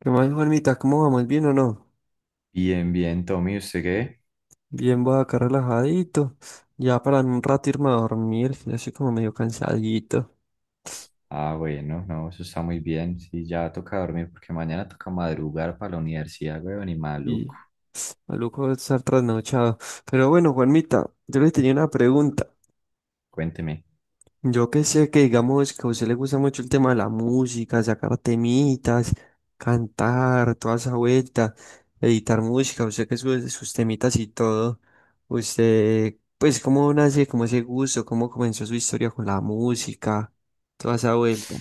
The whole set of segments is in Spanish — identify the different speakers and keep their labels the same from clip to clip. Speaker 1: ¿Qué más, Juanmita? ¿Cómo vamos? ¿Bien o no?
Speaker 2: Bien, bien, Tommy, ¿usted qué?
Speaker 1: Bien, voy acá relajadito. Ya para en un rato irme a dormir. Que Ya estoy como medio cansadito.
Speaker 2: Ah, bueno, no, eso está muy bien. Sí, ya toca dormir porque mañana toca madrugar para la universidad, weón, y maluco.
Speaker 1: Y maluco estar trasnochado. Pero bueno, Juanmita, yo le tenía una pregunta.
Speaker 2: Cuénteme.
Speaker 1: Yo que sé que digamos que a usted le gusta mucho el tema de la música, sacar temitas, cantar, toda esa vuelta, editar música, usted que sube sus temitas y todo. Usted, pues, ¿cómo nace, cómo ese gusto, cómo comenzó su historia con la música, toda esa vuelta?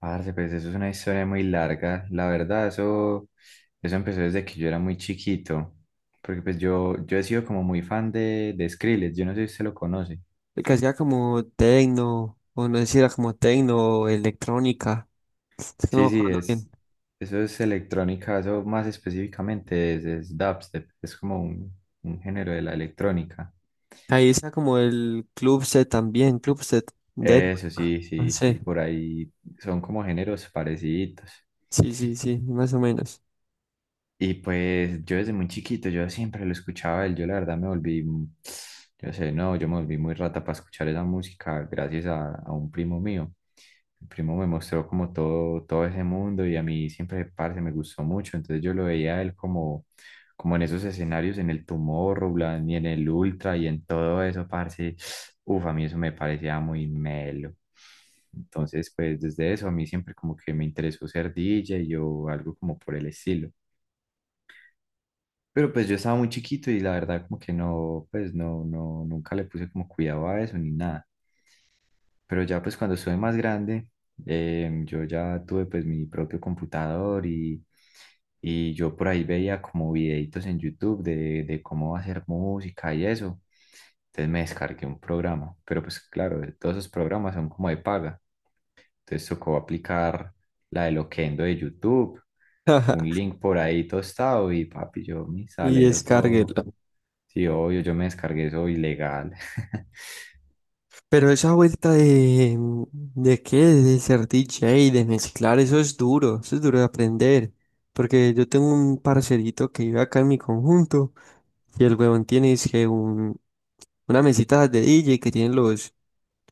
Speaker 2: Parce, pues eso es una historia muy larga. La verdad, eso empezó desde que yo era muy chiquito. Porque pues yo he sido como muy fan de Skrillex, yo no sé si usted lo conoce.
Speaker 1: Que hacía como tecno, o no sé si era como tecno o electrónica, es que no me
Speaker 2: Sí, sí,
Speaker 1: acuerdo bien.
Speaker 2: es, eso es electrónica, eso más específicamente es dubstep, es como un género de la electrónica.
Speaker 1: Ahí está como el club set también, club set de...
Speaker 2: Eso sí,
Speaker 1: No
Speaker 2: sí, sí,
Speaker 1: sé,
Speaker 2: por ahí son como géneros parecidos.
Speaker 1: sí, sí, sí, más o menos.
Speaker 2: Y pues yo desde muy chiquito, yo siempre lo escuchaba a él, yo la verdad me volví, mm, yo sé, no, yo me volví muy rata para escuchar esa música gracias a un primo mío. El primo me mostró como todo ese mundo y a mí siempre, parce, me gustó mucho, entonces yo lo veía a él como en esos escenarios, en el Tomorrowland y en el Ultra y en todo eso, parce, uf, a mí eso me parecía muy melo. Entonces, pues desde eso a mí siempre como que me interesó ser DJ o algo como por el estilo. Pero pues yo estaba muy chiquito y la verdad como que no, pues nunca le puse como cuidado a eso ni nada. Pero ya pues cuando estuve más grande, yo ya tuve pues mi propio computador y yo por ahí veía como videitos en YouTube de cómo hacer música y eso. Entonces me descargué un programa, pero pues claro, todos esos programas son como de paga. Entonces tocó aplicar la de Loquendo de YouTube,
Speaker 1: Ajá.
Speaker 2: un link por ahí tostado y papi, yo me
Speaker 1: Y
Speaker 2: sale eso todo.
Speaker 1: descárguela.
Speaker 2: Sí, obvio, yo me descargué eso ilegal.
Speaker 1: Pero esa vuelta ¿de qué? De ser DJ, de mezclar, eso es duro de aprender. Porque yo tengo un parcerito que vive acá en mi conjunto y el huevón tiene es que un, una mesita de DJ que tienen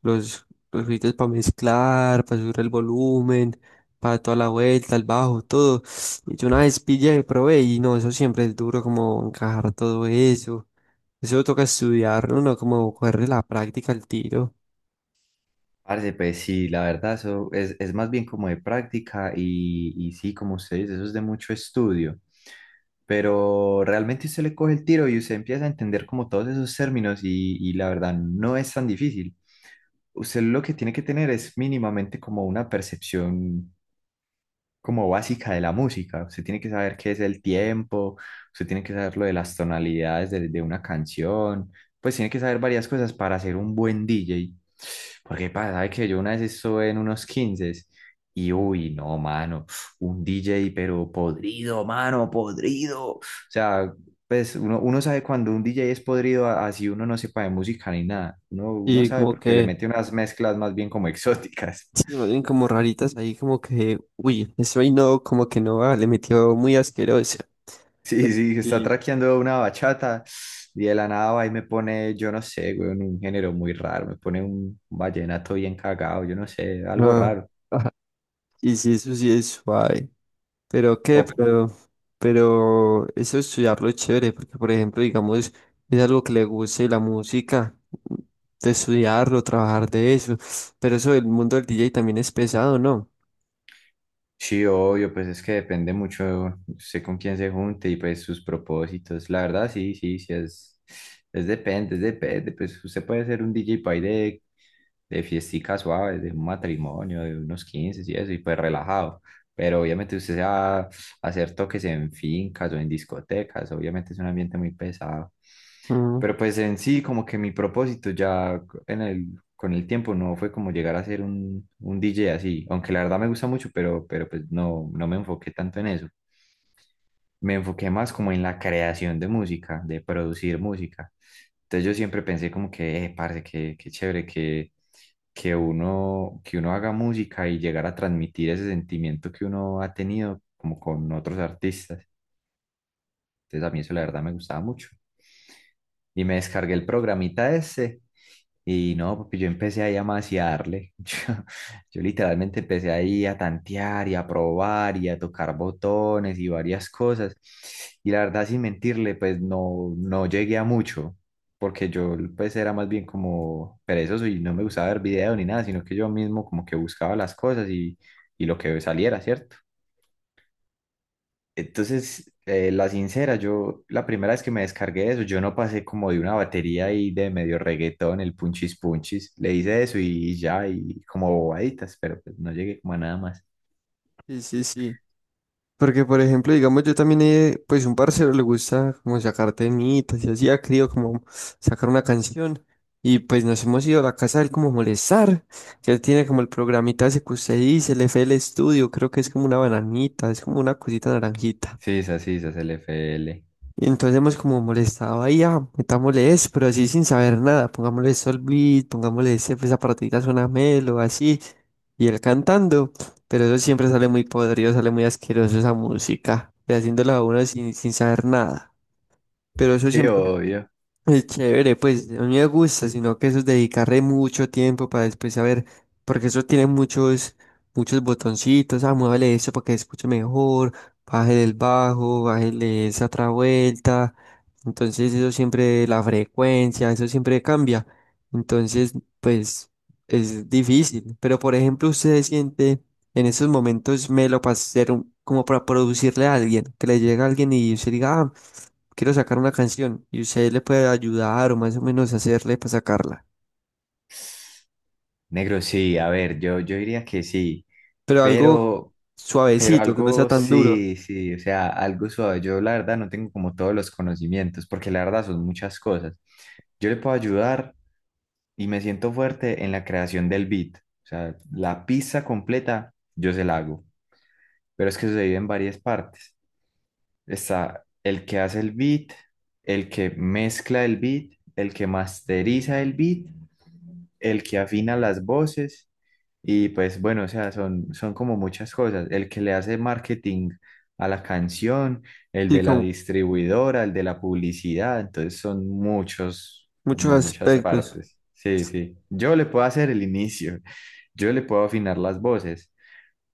Speaker 1: los, los gritos para mezclar, para subir el volumen, para toda la vuelta, el bajo, todo. Y yo una vez pillé y probé y no, eso siempre es duro como encajar todo eso. Eso toca estudiarlo, ¿no? No, como cogerle la práctica al tiro.
Speaker 2: Parce, pues sí, la verdad, eso es más bien como de práctica y sí, como usted dice, eso es de mucho estudio, pero realmente usted le coge el tiro y usted empieza a entender como todos esos términos y la verdad no es tan difícil. Usted lo que tiene que tener es mínimamente como una percepción como básica de la música. Usted tiene que saber qué es el tiempo, usted tiene que saber lo de las tonalidades de una canción, pues tiene que saber varias cosas para ser un buen DJ. Porque pasa, sabe que yo una vez estuve en unos 15 y uy, no, mano, un DJ pero podrido, mano, podrido. O sea, pues uno sabe cuando un DJ es podrido, así uno no sepa de música ni nada. Uno
Speaker 1: Y
Speaker 2: sabe
Speaker 1: como
Speaker 2: porque le
Speaker 1: que,
Speaker 2: mete unas mezclas más bien como exóticas.
Speaker 1: sí, más bien como raritas ahí, como que, uy, eso ahí no, como que no, va, le metió muy asqueroso.
Speaker 2: Sí, sí, está
Speaker 1: Y,
Speaker 2: traqueando una bachata y de la nada va y me pone, yo no sé, güey, un género muy raro, me pone un vallenato bien cagado, yo no sé, algo
Speaker 1: ah,
Speaker 2: raro.
Speaker 1: ajá, y sí, eso sí es suave. Pero qué,
Speaker 2: O,
Speaker 1: pero eso estudiarlo es chévere, porque por ejemplo, digamos, es algo que le guste la música, de estudiarlo, trabajar de eso, pero eso del mundo del DJ también es pesado, ¿no?
Speaker 2: sí, obvio, pues es que depende mucho, sé con quién se junte y pues sus propósitos. La verdad, sí, sí, sí, es depende, pues usted puede ser un DJ de fiestica suave, de un matrimonio, de unos 15 y eso, y pues relajado. Pero obviamente usted se va a hacer toques en fincas o en discotecas, obviamente es un ambiente muy pesado.
Speaker 1: Mm.
Speaker 2: Pero pues en sí, como que mi propósito ya en el, con el tiempo no fue como llegar a ser un DJ así, aunque la verdad me gusta mucho, pero pues no me enfoqué tanto en eso, me enfoqué más como en la creación de música, de producir música. Entonces yo siempre pensé como que, parce, qué chévere que uno haga música y llegar a transmitir ese sentimiento que uno ha tenido como con otros artistas. Entonces a mí eso la verdad me gustaba mucho. Y me descargué el programita ese y no, porque yo empecé ahí a maciarle. Yo literalmente empecé ahí a tantear y a probar y a tocar botones y varias cosas. Y la verdad, sin mentirle, pues no llegué a mucho, porque yo pues era más bien como perezoso y no me gustaba ver video ni nada, sino que yo mismo como que buscaba las cosas y lo que saliera, ¿cierto? Entonces, la sincera, yo la primera vez que me descargué eso, yo no pasé como de una batería y de medio reggaetón, el punchis punchis. Le hice eso y ya, y como bobaditas, pero pues no llegué como a nada más.
Speaker 1: Sí, sí, sí. Porque, por ejemplo, digamos, yo también, he- pues un parcero le gusta como sacar temitas y así ha querido como sacar una canción. Y pues nos hemos ido a la casa de él como a molestar, que él tiene como el programita ese que usted dice, el FL Studio, creo que es como una bananita, es como una cosita naranjita.
Speaker 2: Sí, esa es el FL.
Speaker 1: Y entonces hemos como molestado ahí, ah, metámosle eso, pero así sin saber nada, pongámosle Solbeat, pongámosle ese, pues, esa partidita suena melo, así, y él cantando, pero eso siempre sale muy podrido, sale muy asqueroso esa música, y haciéndola a uno sin, sin saber nada, pero eso
Speaker 2: Sí,
Speaker 1: siempre
Speaker 2: obvio.
Speaker 1: es chévere, pues a mí me gusta, sino que eso es dedicarle mucho tiempo para después saber, porque eso tiene muchos, muchos botoncitos, ah, muévele eso para que escuche mejor, bájele el bajo, bájele esa otra vuelta, entonces eso siempre, la frecuencia, eso siempre cambia, entonces pues es difícil, pero por ejemplo usted se siente en esos momentos melo para hacer un- como para producirle a alguien, que le llega a alguien y usted diga, "Ah, quiero sacar una canción y usted le puede ayudar o más o menos hacerle para sacarla,
Speaker 2: Negro, sí, a ver, yo diría que sí,
Speaker 1: pero algo
Speaker 2: pero, pero
Speaker 1: suavecito, que no sea
Speaker 2: algo
Speaker 1: tan duro
Speaker 2: sí, sí, o sea, algo suave. Yo la verdad no tengo como todos los conocimientos, porque la verdad son muchas cosas. Yo le puedo ayudar y me siento fuerte en la creación del beat. O sea, la pista completa yo se la hago, pero es que se divide en varias partes. Está el que hace el beat, el que mezcla el beat, el que masteriza el beat, el que afina las voces y pues bueno, o sea, son como muchas cosas. El que le hace marketing a la canción, el
Speaker 1: y
Speaker 2: de la
Speaker 1: con
Speaker 2: distribuidora, el de la publicidad, entonces son muchos,
Speaker 1: muchos
Speaker 2: como muchas
Speaker 1: aspectos".
Speaker 2: partes. Sí, sí. Yo le puedo hacer el inicio, yo le puedo afinar las voces,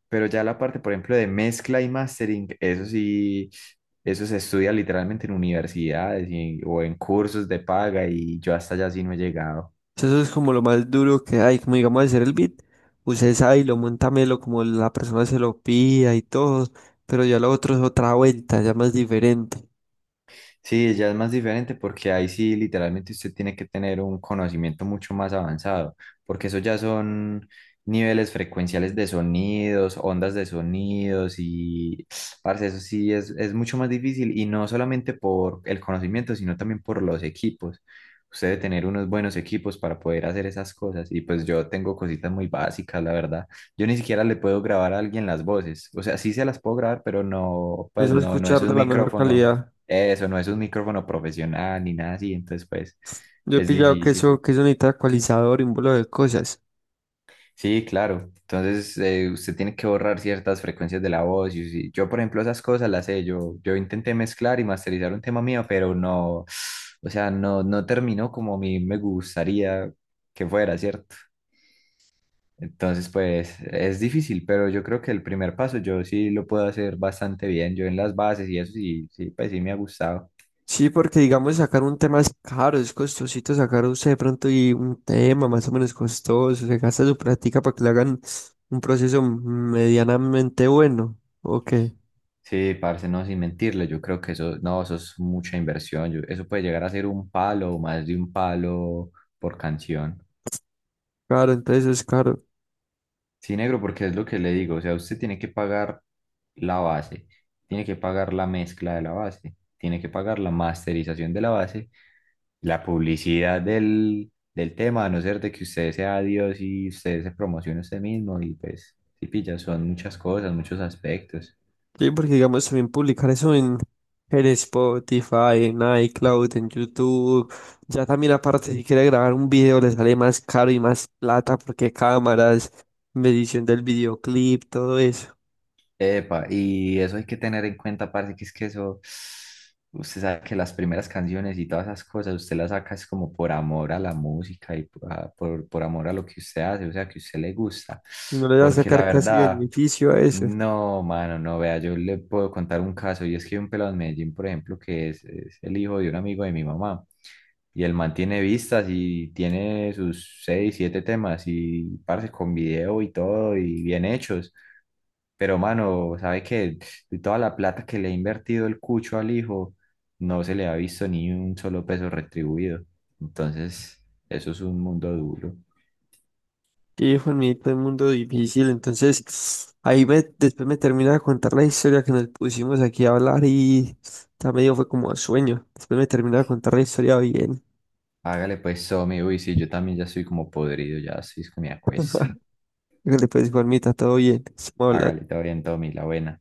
Speaker 2: pero ya la parte, por ejemplo, de mezcla y mastering, eso sí. Eso se estudia literalmente en universidades o en cursos de paga y yo hasta allá sí no he llegado.
Speaker 1: Eso es como lo más duro que hay, como digamos hacer el beat, usted sabe y lo monta melo como la persona se lo pida y todo, pero ya lo otro es otra vuelta, ya más diferente.
Speaker 2: Sí, ya es más diferente porque ahí sí literalmente usted tiene que tener un conocimiento mucho más avanzado, porque eso ya son niveles frecuenciales de sonidos, ondas de sonidos y, parce, eso sí es mucho más difícil y no solamente por el conocimiento, sino también por los equipos. Usted debe tener unos buenos equipos para poder hacer esas cosas y pues yo tengo cositas muy básicas, la verdad. Yo ni siquiera le puedo grabar a alguien las voces, o sea, sí se las puedo grabar, pero no, pues
Speaker 1: Eso es
Speaker 2: no es
Speaker 1: escuchar de
Speaker 2: un
Speaker 1: la mejor
Speaker 2: micrófono,
Speaker 1: calidad.
Speaker 2: eso no es un micrófono profesional ni nada así, entonces pues
Speaker 1: Yo he
Speaker 2: es
Speaker 1: pillado
Speaker 2: difícil.
Speaker 1: que eso necesita ecualizador y un bolo de cosas.
Speaker 2: Sí, claro. Entonces usted tiene que borrar ciertas frecuencias de la voz. Y sí, yo, por ejemplo, esas cosas las sé. Yo intenté mezclar y masterizar un tema mío, pero no, o sea, no terminó como a mí me gustaría que fuera, ¿cierto? Entonces, pues es difícil, pero yo creo que el primer paso yo sí lo puedo hacer bastante bien. Yo en las bases y eso sí, sí, pues sí me ha gustado.
Speaker 1: Sí, porque digamos sacar un tema es caro, es costosito sacar usted de pronto y un tema más o menos costoso, se gasta su práctica para que le hagan un proceso medianamente bueno, ok,
Speaker 2: Sí, parce, no, sin mentirle, yo creo que eso, no, eso es mucha inversión, eso puede llegar a ser un palo o más de un palo por canción.
Speaker 1: claro, entonces es caro.
Speaker 2: Sí, negro, porque es lo que le digo, o sea, usted tiene que pagar la base, tiene que pagar la mezcla de la base, tiene que pagar la masterización de la base, la publicidad del tema, a no ser de que usted sea Dios y usted se promocione usted mismo y pues, sí, pilla, son muchas cosas, muchos aspectos.
Speaker 1: Sí, porque digamos también publicar eso en Spotify, en iCloud, en YouTube, ya también aparte si quiere grabar un video le sale más caro y más plata porque cámaras, medición del videoclip, todo eso,
Speaker 2: Epa, y eso hay que tener en cuenta, parce, que es que eso, usted sabe que las primeras canciones y todas esas cosas, usted las saca es como por amor a la música y por amor a lo que usted hace, o sea, que a usted le gusta.
Speaker 1: no le va a
Speaker 2: Porque la
Speaker 1: sacar casi
Speaker 2: verdad,
Speaker 1: beneficio a eso.
Speaker 2: no, mano, no, vea, yo le puedo contar un caso, y es que hay un pelado en Medellín, por ejemplo, que es el hijo de un amigo de mi mamá, y el man tiene vistas y tiene sus seis, siete temas, y parce, con video y todo, y bien hechos. Pero, mano, ¿sabes qué? De toda la plata que le ha invertido el cucho al hijo, no se le ha visto ni un solo peso retribuido. Entonces, eso es un mundo duro.
Speaker 1: Y Juanita, el mundo difícil. Entonces, ahí me, después me termina de contar la historia que nos pusimos aquí a hablar y ya medio fue como sueño. Después me termina de contar la historia bien.
Speaker 2: Hágale pues, Tommy. Uy, sí, yo también ya estoy como podrido, ya estoy con mi acuesto.
Speaker 1: Después, Juanita, todo bien. Estamos hablando.
Speaker 2: Hágale, te oriento, Tommy, la buena.